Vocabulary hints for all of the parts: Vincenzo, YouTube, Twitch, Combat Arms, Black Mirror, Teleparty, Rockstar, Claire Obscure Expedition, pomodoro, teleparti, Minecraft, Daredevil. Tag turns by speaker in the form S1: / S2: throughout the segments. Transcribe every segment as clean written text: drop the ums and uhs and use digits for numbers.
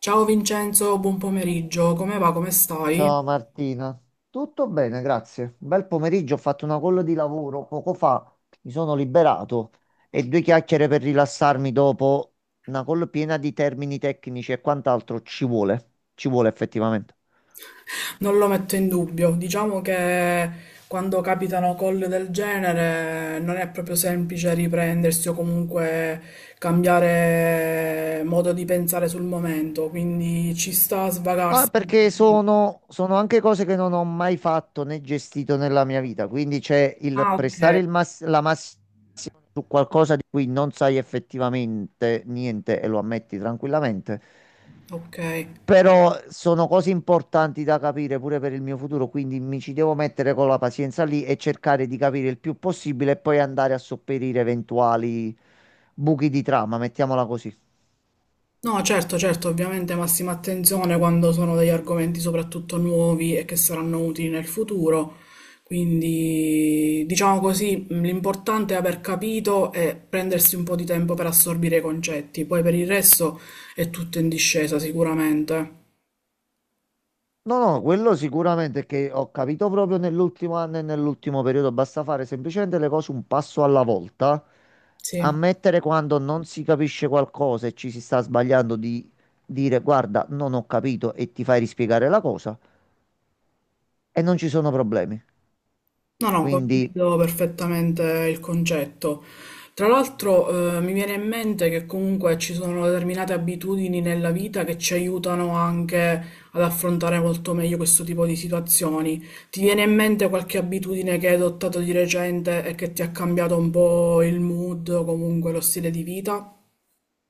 S1: Ciao Vincenzo, buon pomeriggio, come va, come stai?
S2: Ciao Martina, tutto bene, grazie. Bel pomeriggio, ho fatto una call di lavoro poco fa, mi sono liberato e due chiacchiere per rilassarmi dopo una call piena di termini tecnici e quant'altro ci vuole effettivamente.
S1: Non lo metto in dubbio, diciamo che quando capitano call del genere non è proprio semplice riprendersi o comunque cambiare modo di pensare sul momento, quindi ci sta a
S2: No, è
S1: svagarsi.
S2: perché sono anche cose che non ho mai fatto né gestito nella mia vita, quindi c'è il
S1: Ah,
S2: prestare
S1: ok,
S2: la massima su qualcosa di cui non sai effettivamente niente e lo ammetti tranquillamente.
S1: ok.
S2: Però sono cose importanti da capire pure per il mio futuro, quindi mi ci devo mettere con la pazienza lì e cercare di capire il più possibile e poi andare a sopperire eventuali buchi di trama, mettiamola così.
S1: No, certo, certo, ovviamente massima attenzione quando sono degli argomenti soprattutto nuovi e che saranno utili nel futuro. Quindi, diciamo così, l'importante è aver capito e prendersi un po' di tempo per assorbire i concetti. Poi per il resto è tutto in discesa, sicuramente.
S2: No, no, quello sicuramente è che ho capito proprio nell'ultimo anno e nell'ultimo periodo, basta fare semplicemente le cose un passo alla volta,
S1: Sì.
S2: ammettere quando non si capisce qualcosa e ci si sta sbagliando di dire guarda, non ho capito e ti fai rispiegare la cosa e non ci sono problemi.
S1: No, no,
S2: Quindi.
S1: condivido perfettamente il concetto. Tra l'altro, mi viene in mente che comunque ci sono determinate abitudini nella vita che ci aiutano anche ad affrontare molto meglio questo tipo di situazioni. Ti viene in mente qualche abitudine che hai adottato di recente e che ti ha cambiato un po' il mood o comunque lo stile di vita?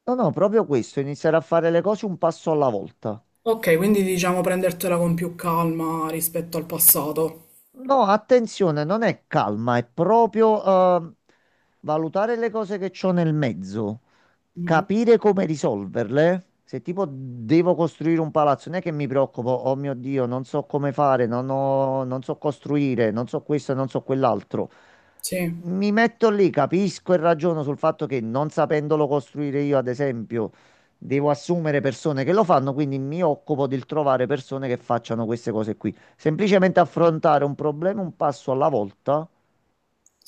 S2: No, no, proprio questo, iniziare a fare le cose un passo alla volta.
S1: Ok, quindi diciamo prendertela con più calma rispetto al passato.
S2: No, attenzione, non è calma, è proprio eh, valutare le cose che c'ho nel mezzo,
S1: Mhm.
S2: capire come risolverle. Se tipo devo costruire un palazzo, non è che mi preoccupo, oh mio Dio, non so come fare, non so costruire, non so questo, non so quell'altro.
S1: Sì,
S2: Mi metto lì, capisco e ragiono sul fatto che non sapendolo costruire io, ad esempio, devo assumere persone che lo fanno, quindi mi occupo del trovare persone che facciano queste cose qui. Semplicemente affrontare un problema un passo alla volta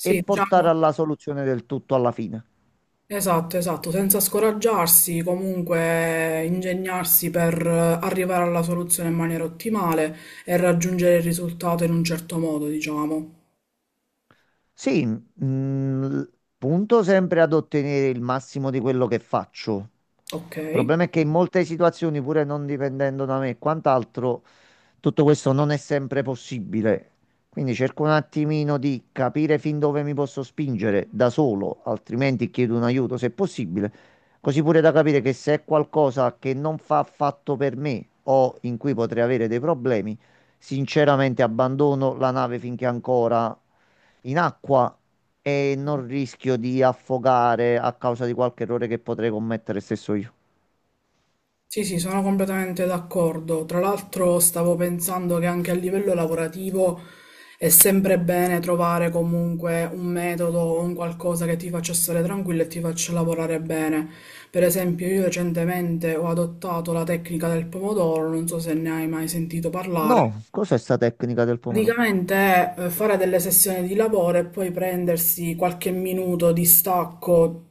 S2: e portare
S1: diciamo.
S2: alla soluzione del tutto alla fine.
S1: Esatto, esatto, senza scoraggiarsi, comunque ingegnarsi per arrivare alla soluzione in maniera ottimale e raggiungere il risultato in un certo modo, diciamo.
S2: Sì, punto sempre ad ottenere il massimo di quello che faccio.
S1: Ok.
S2: Il problema è che in molte situazioni, pure non dipendendo da me e quant'altro, tutto questo non è sempre possibile, quindi cerco un attimino di capire fin dove mi posso spingere da solo, altrimenti chiedo un aiuto se possibile, così pure da capire che se è qualcosa che non fa affatto per me o in cui potrei avere dei problemi, sinceramente abbandono la nave finché è ancora in acqua e non rischio di affogare a causa di qualche errore che potrei commettere stesso io.
S1: Sì, sì, sono completamente d'accordo. Tra l'altro stavo pensando che anche a livello lavorativo è sempre bene trovare comunque un metodo o un qualcosa che ti faccia stare tranquillo e ti faccia lavorare bene. Per esempio, io recentemente ho adottato la tecnica del pomodoro, non so se ne hai mai sentito parlare.
S2: No, cos'è sta tecnica del pomodoro?
S1: Praticamente è fare delle sessioni di lavoro e poi prendersi qualche minuto di stacco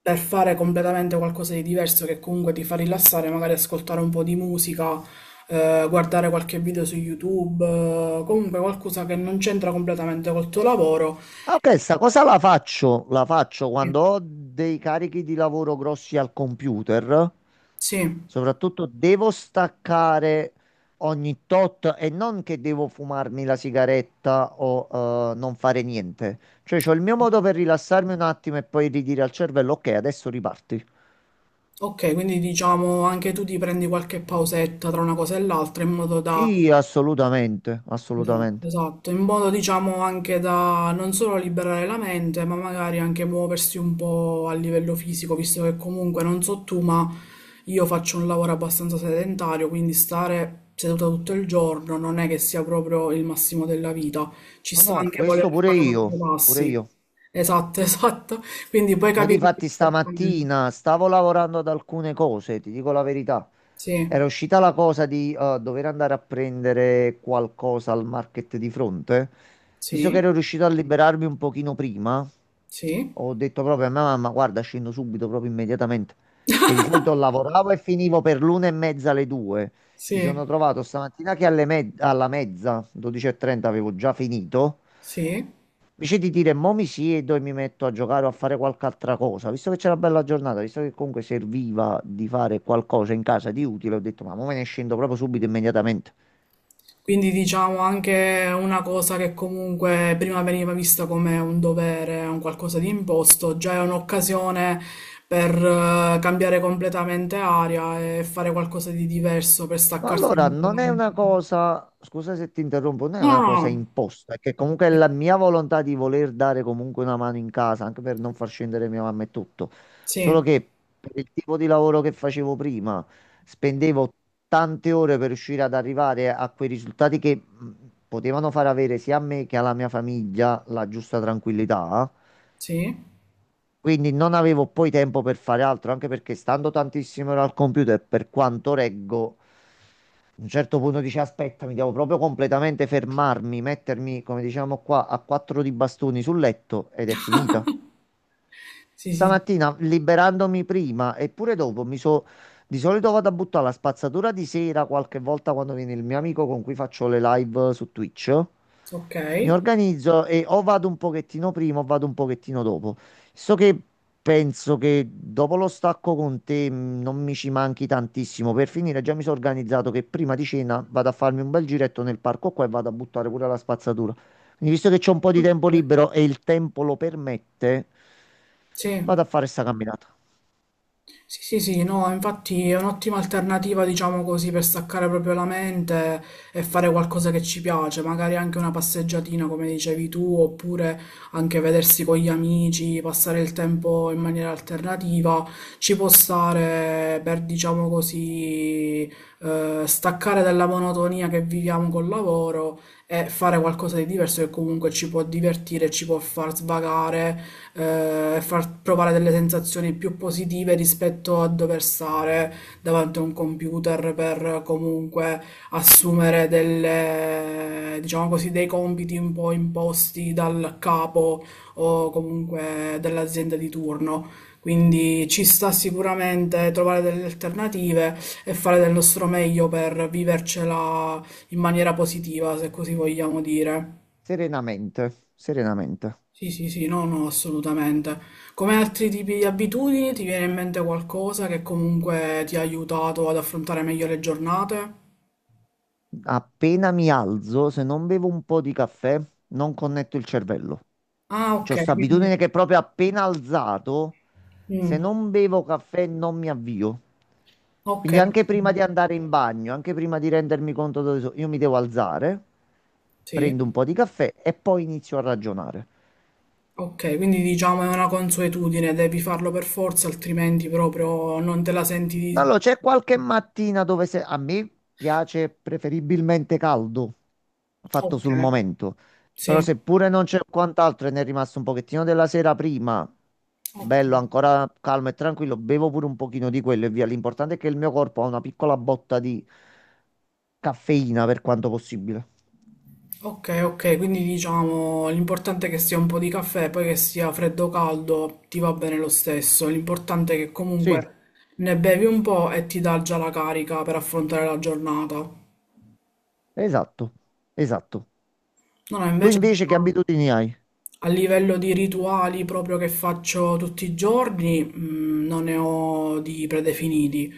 S1: per fare completamente qualcosa di diverso che comunque ti fa rilassare, magari ascoltare un po' di musica, guardare qualche video su YouTube, comunque qualcosa che non c'entra completamente col tuo lavoro.
S2: Ah, ok, sta cosa la faccio
S1: Sì.
S2: quando ho dei carichi di lavoro grossi al computer.
S1: Sì.
S2: Soprattutto devo staccare ogni tot e non che devo fumarmi la sigaretta o non fare niente. Cioè, c'ho il mio modo per rilassarmi un attimo e poi ridire al cervello, ok, adesso riparti.
S1: Ok, quindi diciamo anche tu ti prendi qualche pausetta tra una cosa e l'altra in modo da...
S2: Sì, assolutamente,
S1: Esatto,
S2: assolutamente.
S1: esatto, in modo diciamo anche da non solo liberare la mente, ma magari anche muoversi un po' a livello fisico, visto che comunque non so tu, ma io faccio un lavoro abbastanza sedentario, quindi stare seduta tutto il giorno non è che sia proprio il massimo della vita, ci
S2: No,
S1: sta
S2: no,
S1: anche
S2: questo
S1: voler
S2: pure
S1: fare
S2: io,
S1: quattro
S2: pure
S1: passi.
S2: io.
S1: Esatto, esatto, quindi puoi
S2: Ma
S1: capire
S2: difatti
S1: perfettamente.
S2: stamattina stavo lavorando ad alcune cose, ti dico la verità.
S1: Sì,
S2: Era uscita la cosa di dover andare a prendere qualcosa al market di fronte. Visto che
S1: sì,
S2: ero riuscito a liberarmi un pochino prima,
S1: sì,
S2: ho detto proprio a mia mamma, guarda, scendo subito, proprio immediatamente. Che di solito lavoravo e finivo per l'una e mezza alle due. Mi
S1: sì,
S2: sono trovato stamattina che alla mezza, 12.30, avevo già finito.
S1: sì.
S2: Invece di dire mo mi siedo e mi metto a giocare o a fare qualche altra cosa, visto che c'era una bella giornata, visto che comunque serviva di fare qualcosa in casa di utile, ho detto ma mo me ne scendo proprio subito, immediatamente.
S1: Quindi diciamo anche una cosa che comunque prima veniva vista come un dovere, un qualcosa di imposto, già è un'occasione per cambiare completamente aria e fare qualcosa di diverso, per
S2: Ma
S1: staccarsi
S2: allora, non è
S1: completamente.
S2: una cosa, scusa se ti interrompo, non è
S1: No,
S2: una
S1: no,
S2: cosa
S1: no.
S2: imposta, è che comunque è la mia volontà di voler dare comunque una mano in casa, anche per non far scendere mia mamma e tutto. Solo
S1: Sì,
S2: che per il tipo di lavoro che facevo prima, spendevo tante ore per riuscire ad arrivare a quei risultati che potevano far avere sia a me che alla mia famiglia la giusta tranquillità.
S1: sì,
S2: Quindi non avevo poi tempo per fare altro, anche perché stando tantissime ore al computer, per quanto reggo. A un certo punto dici, aspetta, mi devo proprio completamente fermarmi, mettermi, come diciamo qua, a quattro di bastoni sul letto ed è finita.
S1: sì, sì,
S2: Stamattina liberandomi prima e pure dopo. Di solito vado a buttare la spazzatura di sera, qualche volta quando viene il mio amico con cui faccio le live su Twitch.
S1: ok.
S2: Mi organizzo e o vado un pochettino prima o vado un pochettino dopo. So che penso che dopo lo stacco con te non mi ci manchi tantissimo. Per finire, già mi sono organizzato che prima di cena vado a farmi un bel giretto nel parco qua e vado a buttare pure la spazzatura. Quindi, visto che c'ho un po' di tempo
S1: Ok.
S2: libero e il tempo lo permette,
S1: Sì.
S2: vado a fare sta camminata.
S1: Sì, sì, sì, no, infatti è un'ottima alternativa, diciamo così, per staccare proprio la mente e fare qualcosa che ci piace, magari anche una passeggiatina, come dicevi tu, oppure anche vedersi con gli amici, passare il tempo in maniera alternativa, ci può stare per, diciamo così, staccare dalla monotonia che viviamo col lavoro e fare qualcosa di diverso che comunque ci può divertire, ci può far svagare, far provare delle sensazioni più positive rispetto a dover stare davanti a un computer per comunque assumere delle, diciamo così, dei compiti un po' imposti dal capo o comunque dell'azienda di turno. Quindi ci sta sicuramente trovare delle alternative e fare del nostro meglio per vivercela in maniera positiva, se così vogliamo dire.
S2: Serenamente, serenamente.
S1: Sì, sì, sì, no, no, assolutamente. Come altri tipi di abitudini, ti viene in mente qualcosa che comunque ti ha aiutato ad affrontare meglio le giornate?
S2: Appena mi alzo, se non bevo un po' di caffè, non connetto il cervello.
S1: Ah, ok,
S2: C'ho sta
S1: quindi...
S2: abitudine che proprio appena alzato, se
S1: Mm,
S2: non bevo caffè non mi avvio.
S1: ok,
S2: Quindi anche prima di andare in bagno, anche prima di rendermi conto dove sono, io mi devo alzare,
S1: sì,
S2: prendo un po' di caffè e poi inizio a ragionare.
S1: ok, quindi diciamo è una consuetudine, devi farlo per forza, altrimenti proprio non te la senti di...
S2: Allora, c'è qualche mattina dove a me piace preferibilmente caldo, fatto
S1: Ok,
S2: sul momento, però
S1: sì,
S2: seppure non c'è quant'altro e ne è rimasto un pochettino della sera prima,
S1: ok.
S2: bello, ancora calmo e tranquillo, bevo pure un pochino di quello e via. L'importante è che il mio corpo ha una piccola botta di caffeina per quanto possibile.
S1: Ok, ok, quindi diciamo l'importante è che sia un po' di caffè, poi che sia freddo o caldo, ti va bene lo stesso. L'importante è che
S2: Sì,
S1: comunque ne bevi un po' e ti dà già la carica per affrontare la giornata. No,
S2: esatto, esatto.
S1: no,
S2: Tu
S1: invece
S2: invece che
S1: diciamo,
S2: abitudini hai?
S1: a livello di rituali proprio che faccio tutti i giorni, non ne ho di predefiniti,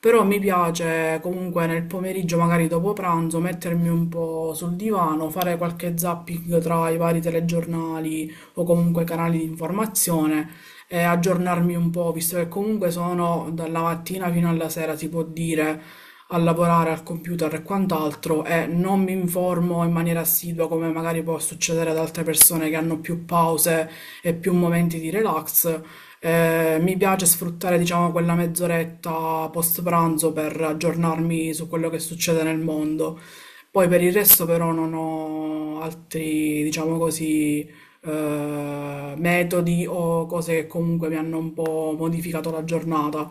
S1: però mi piace comunque nel pomeriggio, magari dopo pranzo, mettermi un po' sul divano, fare qualche zapping tra i vari telegiornali o comunque canali di informazione e aggiornarmi un po', visto che comunque sono dalla mattina fino alla sera, si può dire, a lavorare al computer e quant'altro e non mi informo in maniera assidua come magari può succedere ad altre persone che hanno più pause e più momenti di relax. Mi piace sfruttare, diciamo, quella mezz'oretta post pranzo per aggiornarmi su quello che succede nel mondo. Poi per il resto però non ho altri, diciamo così, metodi o cose che comunque mi hanno un po' modificato la giornata.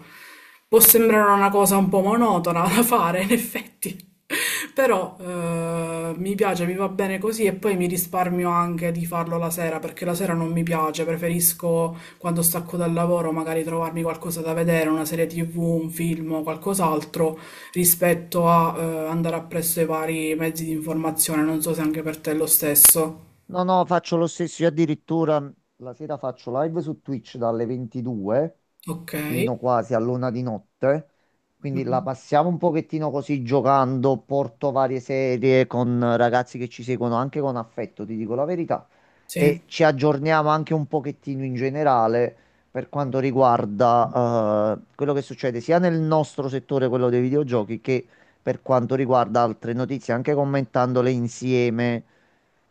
S1: Può sembrare una cosa un po' monotona da fare, in effetti, però mi piace, mi va bene così e poi mi risparmio anche di farlo la sera, perché la sera non mi piace, preferisco quando stacco dal lavoro magari trovarmi qualcosa da vedere, una serie TV, un film o qualcos'altro, rispetto a andare appresso ai vari mezzi di informazione. Non so se anche per te è lo stesso.
S2: No, no, faccio lo stesso. Io addirittura la sera faccio live su Twitch dalle 22
S1: Ok.
S2: fino quasi all'una di notte. Quindi la
S1: Mh.
S2: passiamo un pochettino così giocando. Porto varie serie con ragazzi che ci seguono anche con affetto, ti dico la verità.
S1: Sì,
S2: E ci aggiorniamo anche un pochettino in generale per quanto riguarda quello che succede sia nel nostro settore, quello dei videogiochi, che per quanto riguarda altre notizie, anche commentandole insieme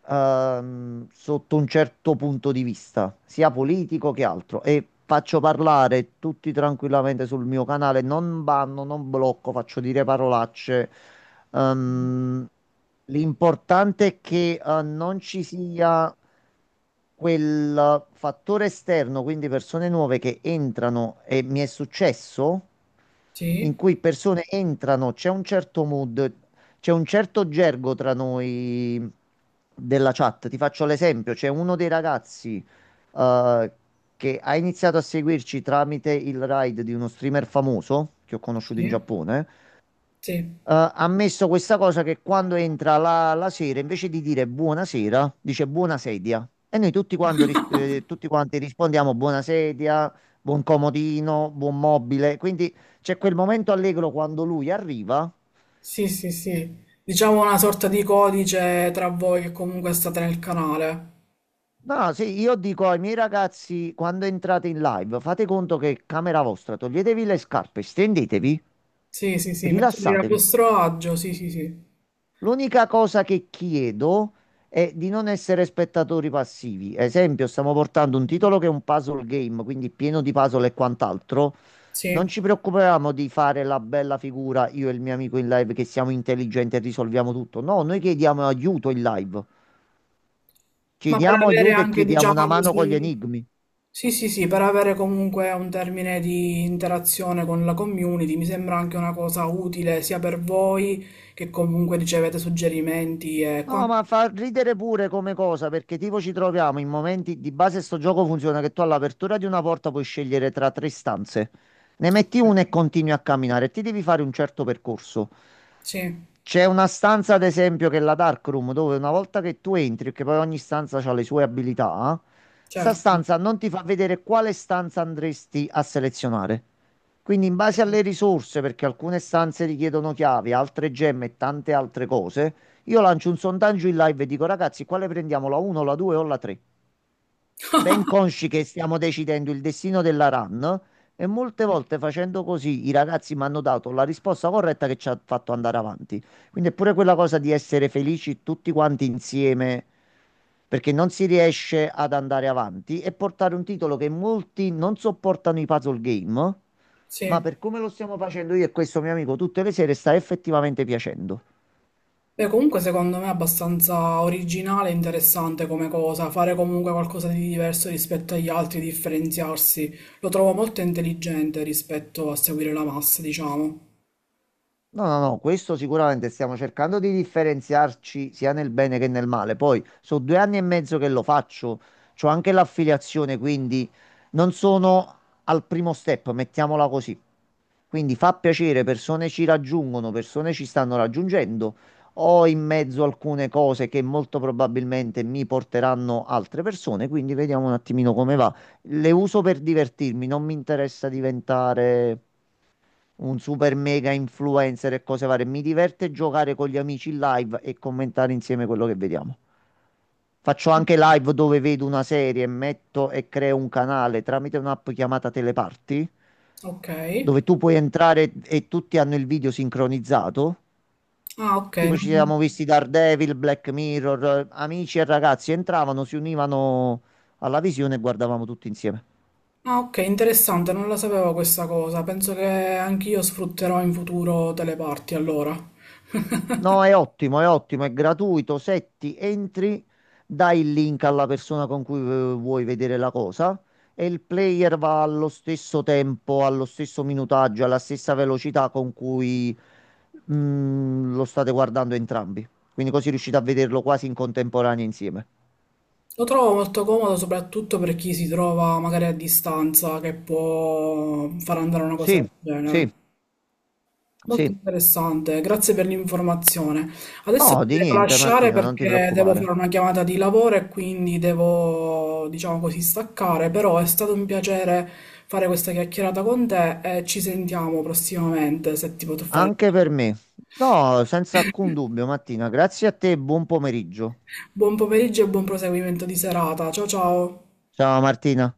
S2: sotto un certo punto di vista, sia politico che altro. E faccio parlare tutti tranquillamente sul mio canale, non banno, non blocco, faccio dire parolacce. Ehm, L'importante è che non ci sia quel fattore esterno, quindi persone nuove che entrano e mi è successo, in
S1: sì,
S2: cui persone entrano, c'è un certo mood, c'è un certo gergo tra noi della chat. Ti faccio l'esempio, c'è uno dei ragazzi eh, che ha iniziato a seguirci tramite il ride di uno streamer famoso che ho conosciuto in
S1: sì,
S2: Giappone
S1: sì,
S2: ha messo questa cosa che quando entra la sera, invece di dire buonasera, dice buona sedia. E noi tutti, tutti quanti rispondiamo buona sedia, buon comodino, buon mobile. Quindi c'è quel momento allegro quando lui arriva.
S1: sì, sì, sì. Diciamo una sorta di codice tra voi che comunque state nel canale.
S2: No, sì, io dico ai miei ragazzi, quando entrate in live, fate conto che è camera vostra, toglietevi le scarpe, stendetevi,
S1: Sì, sì, sì, metterli a
S2: rilassatevi.
S1: vostro agio, sì, sì, sì,
S2: L'unica cosa che chiedo è di non essere spettatori passivi. Esempio, stiamo portando un titolo che è un puzzle game, quindi pieno di puzzle e quant'altro. Non
S1: sì.
S2: ci preoccupiamo di fare la bella figura, io e il mio amico in live, che siamo intelligenti e risolviamo tutto. No, noi chiediamo aiuto in live.
S1: Ma per
S2: Chiediamo
S1: avere
S2: aiuto e
S1: anche,
S2: chiediamo una
S1: diciamo
S2: mano con gli
S1: così,
S2: enigmi.
S1: sì, sì, sì, per avere comunque un termine di interazione con la community, mi sembra anche una cosa utile sia per voi che comunque ricevete suggerimenti e
S2: No, ma
S1: quant'altro.
S2: fa ridere pure come cosa, perché tipo ci troviamo in momenti di base sto gioco funziona che tu all'apertura di una porta puoi scegliere tra tre stanze. Ne metti una e continui a camminare, ti devi fare un certo percorso.
S1: Sì,
S2: C'è una stanza, ad esempio, che è la Dark Room, dove una volta che tu entri, perché poi ogni stanza ha le sue abilità, sta
S1: certo.
S2: stanza non ti fa vedere quale stanza andresti a selezionare. Quindi, in base alle risorse, perché alcune stanze richiedono chiavi, altre gemme e tante altre cose, io lancio un sondaggio in live e dico, ragazzi, quale prendiamo, la 1, la 2 o la 3? Ben consci che stiamo decidendo il destino della RAN e molte volte facendo così i ragazzi mi hanno dato la risposta corretta che ci ha fatto andare avanti. Quindi è pure quella cosa di essere felici tutti quanti insieme perché non si riesce ad andare avanti e portare un titolo che molti non sopportano i puzzle game, ma
S1: Sì.
S2: per come lo stiamo facendo io e questo mio amico tutte le sere sta effettivamente piacendo.
S1: Beh, comunque secondo me è abbastanza originale e interessante come cosa, fare comunque qualcosa di diverso rispetto agli altri, differenziarsi. Lo trovo molto intelligente rispetto a seguire la massa, diciamo.
S2: No, no, no, questo sicuramente stiamo cercando di differenziarci sia nel bene che nel male. Poi, sono 2 anni e mezzo che lo faccio, c'ho anche l'affiliazione, quindi non sono al primo step, mettiamola così. Quindi fa piacere, persone ci raggiungono, persone ci stanno raggiungendo. Ho in mezzo alcune cose che molto probabilmente mi porteranno altre persone, quindi vediamo un attimino come va. Le uso per divertirmi, non mi interessa diventare un super mega influencer e cose varie. Mi diverte giocare con gli amici in live e commentare insieme quello che vediamo. Faccio anche live dove vedo una serie, metto e creo un canale tramite un'app chiamata Teleparty,
S1: Ok.
S2: dove tu puoi entrare e tutti hanno il video sincronizzato.
S1: Ah, ok.
S2: Tipo ci
S1: Non...
S2: siamo visti Daredevil, Black Mirror, amici e ragazzi entravano, si univano alla visione e guardavamo tutti insieme.
S1: Ah, ok, interessante, non la sapevo questa cosa. Penso che anch'io sfrutterò in futuro teleparti allora.
S2: No, è ottimo, è ottimo, è gratuito. Setti, entri, dai il link alla persona con cui vuoi vedere la cosa e il player va allo stesso tempo, allo stesso minutaggio, alla stessa velocità con cui lo state guardando entrambi. Quindi così riuscite a vederlo quasi in contemporanea insieme.
S1: Lo trovo molto comodo soprattutto per chi si trova magari a distanza che può far andare una cosa
S2: Sì,
S1: del
S2: sì,
S1: genere. Molto
S2: sì.
S1: interessante, grazie per l'informazione. Adesso ti
S2: No, di
S1: devo
S2: niente,
S1: lasciare
S2: Martina, non ti
S1: perché devo
S2: preoccupare.
S1: fare una chiamata di lavoro e quindi devo, diciamo così, staccare, però è stato un piacere fare questa chiacchierata con te e ci sentiamo prossimamente se ti potrò fare.
S2: Anche per me. No, senza alcun dubbio, Martina. Grazie a te, buon pomeriggio.
S1: Buon pomeriggio e buon proseguimento di serata. Ciao ciao.
S2: Ciao, Martina.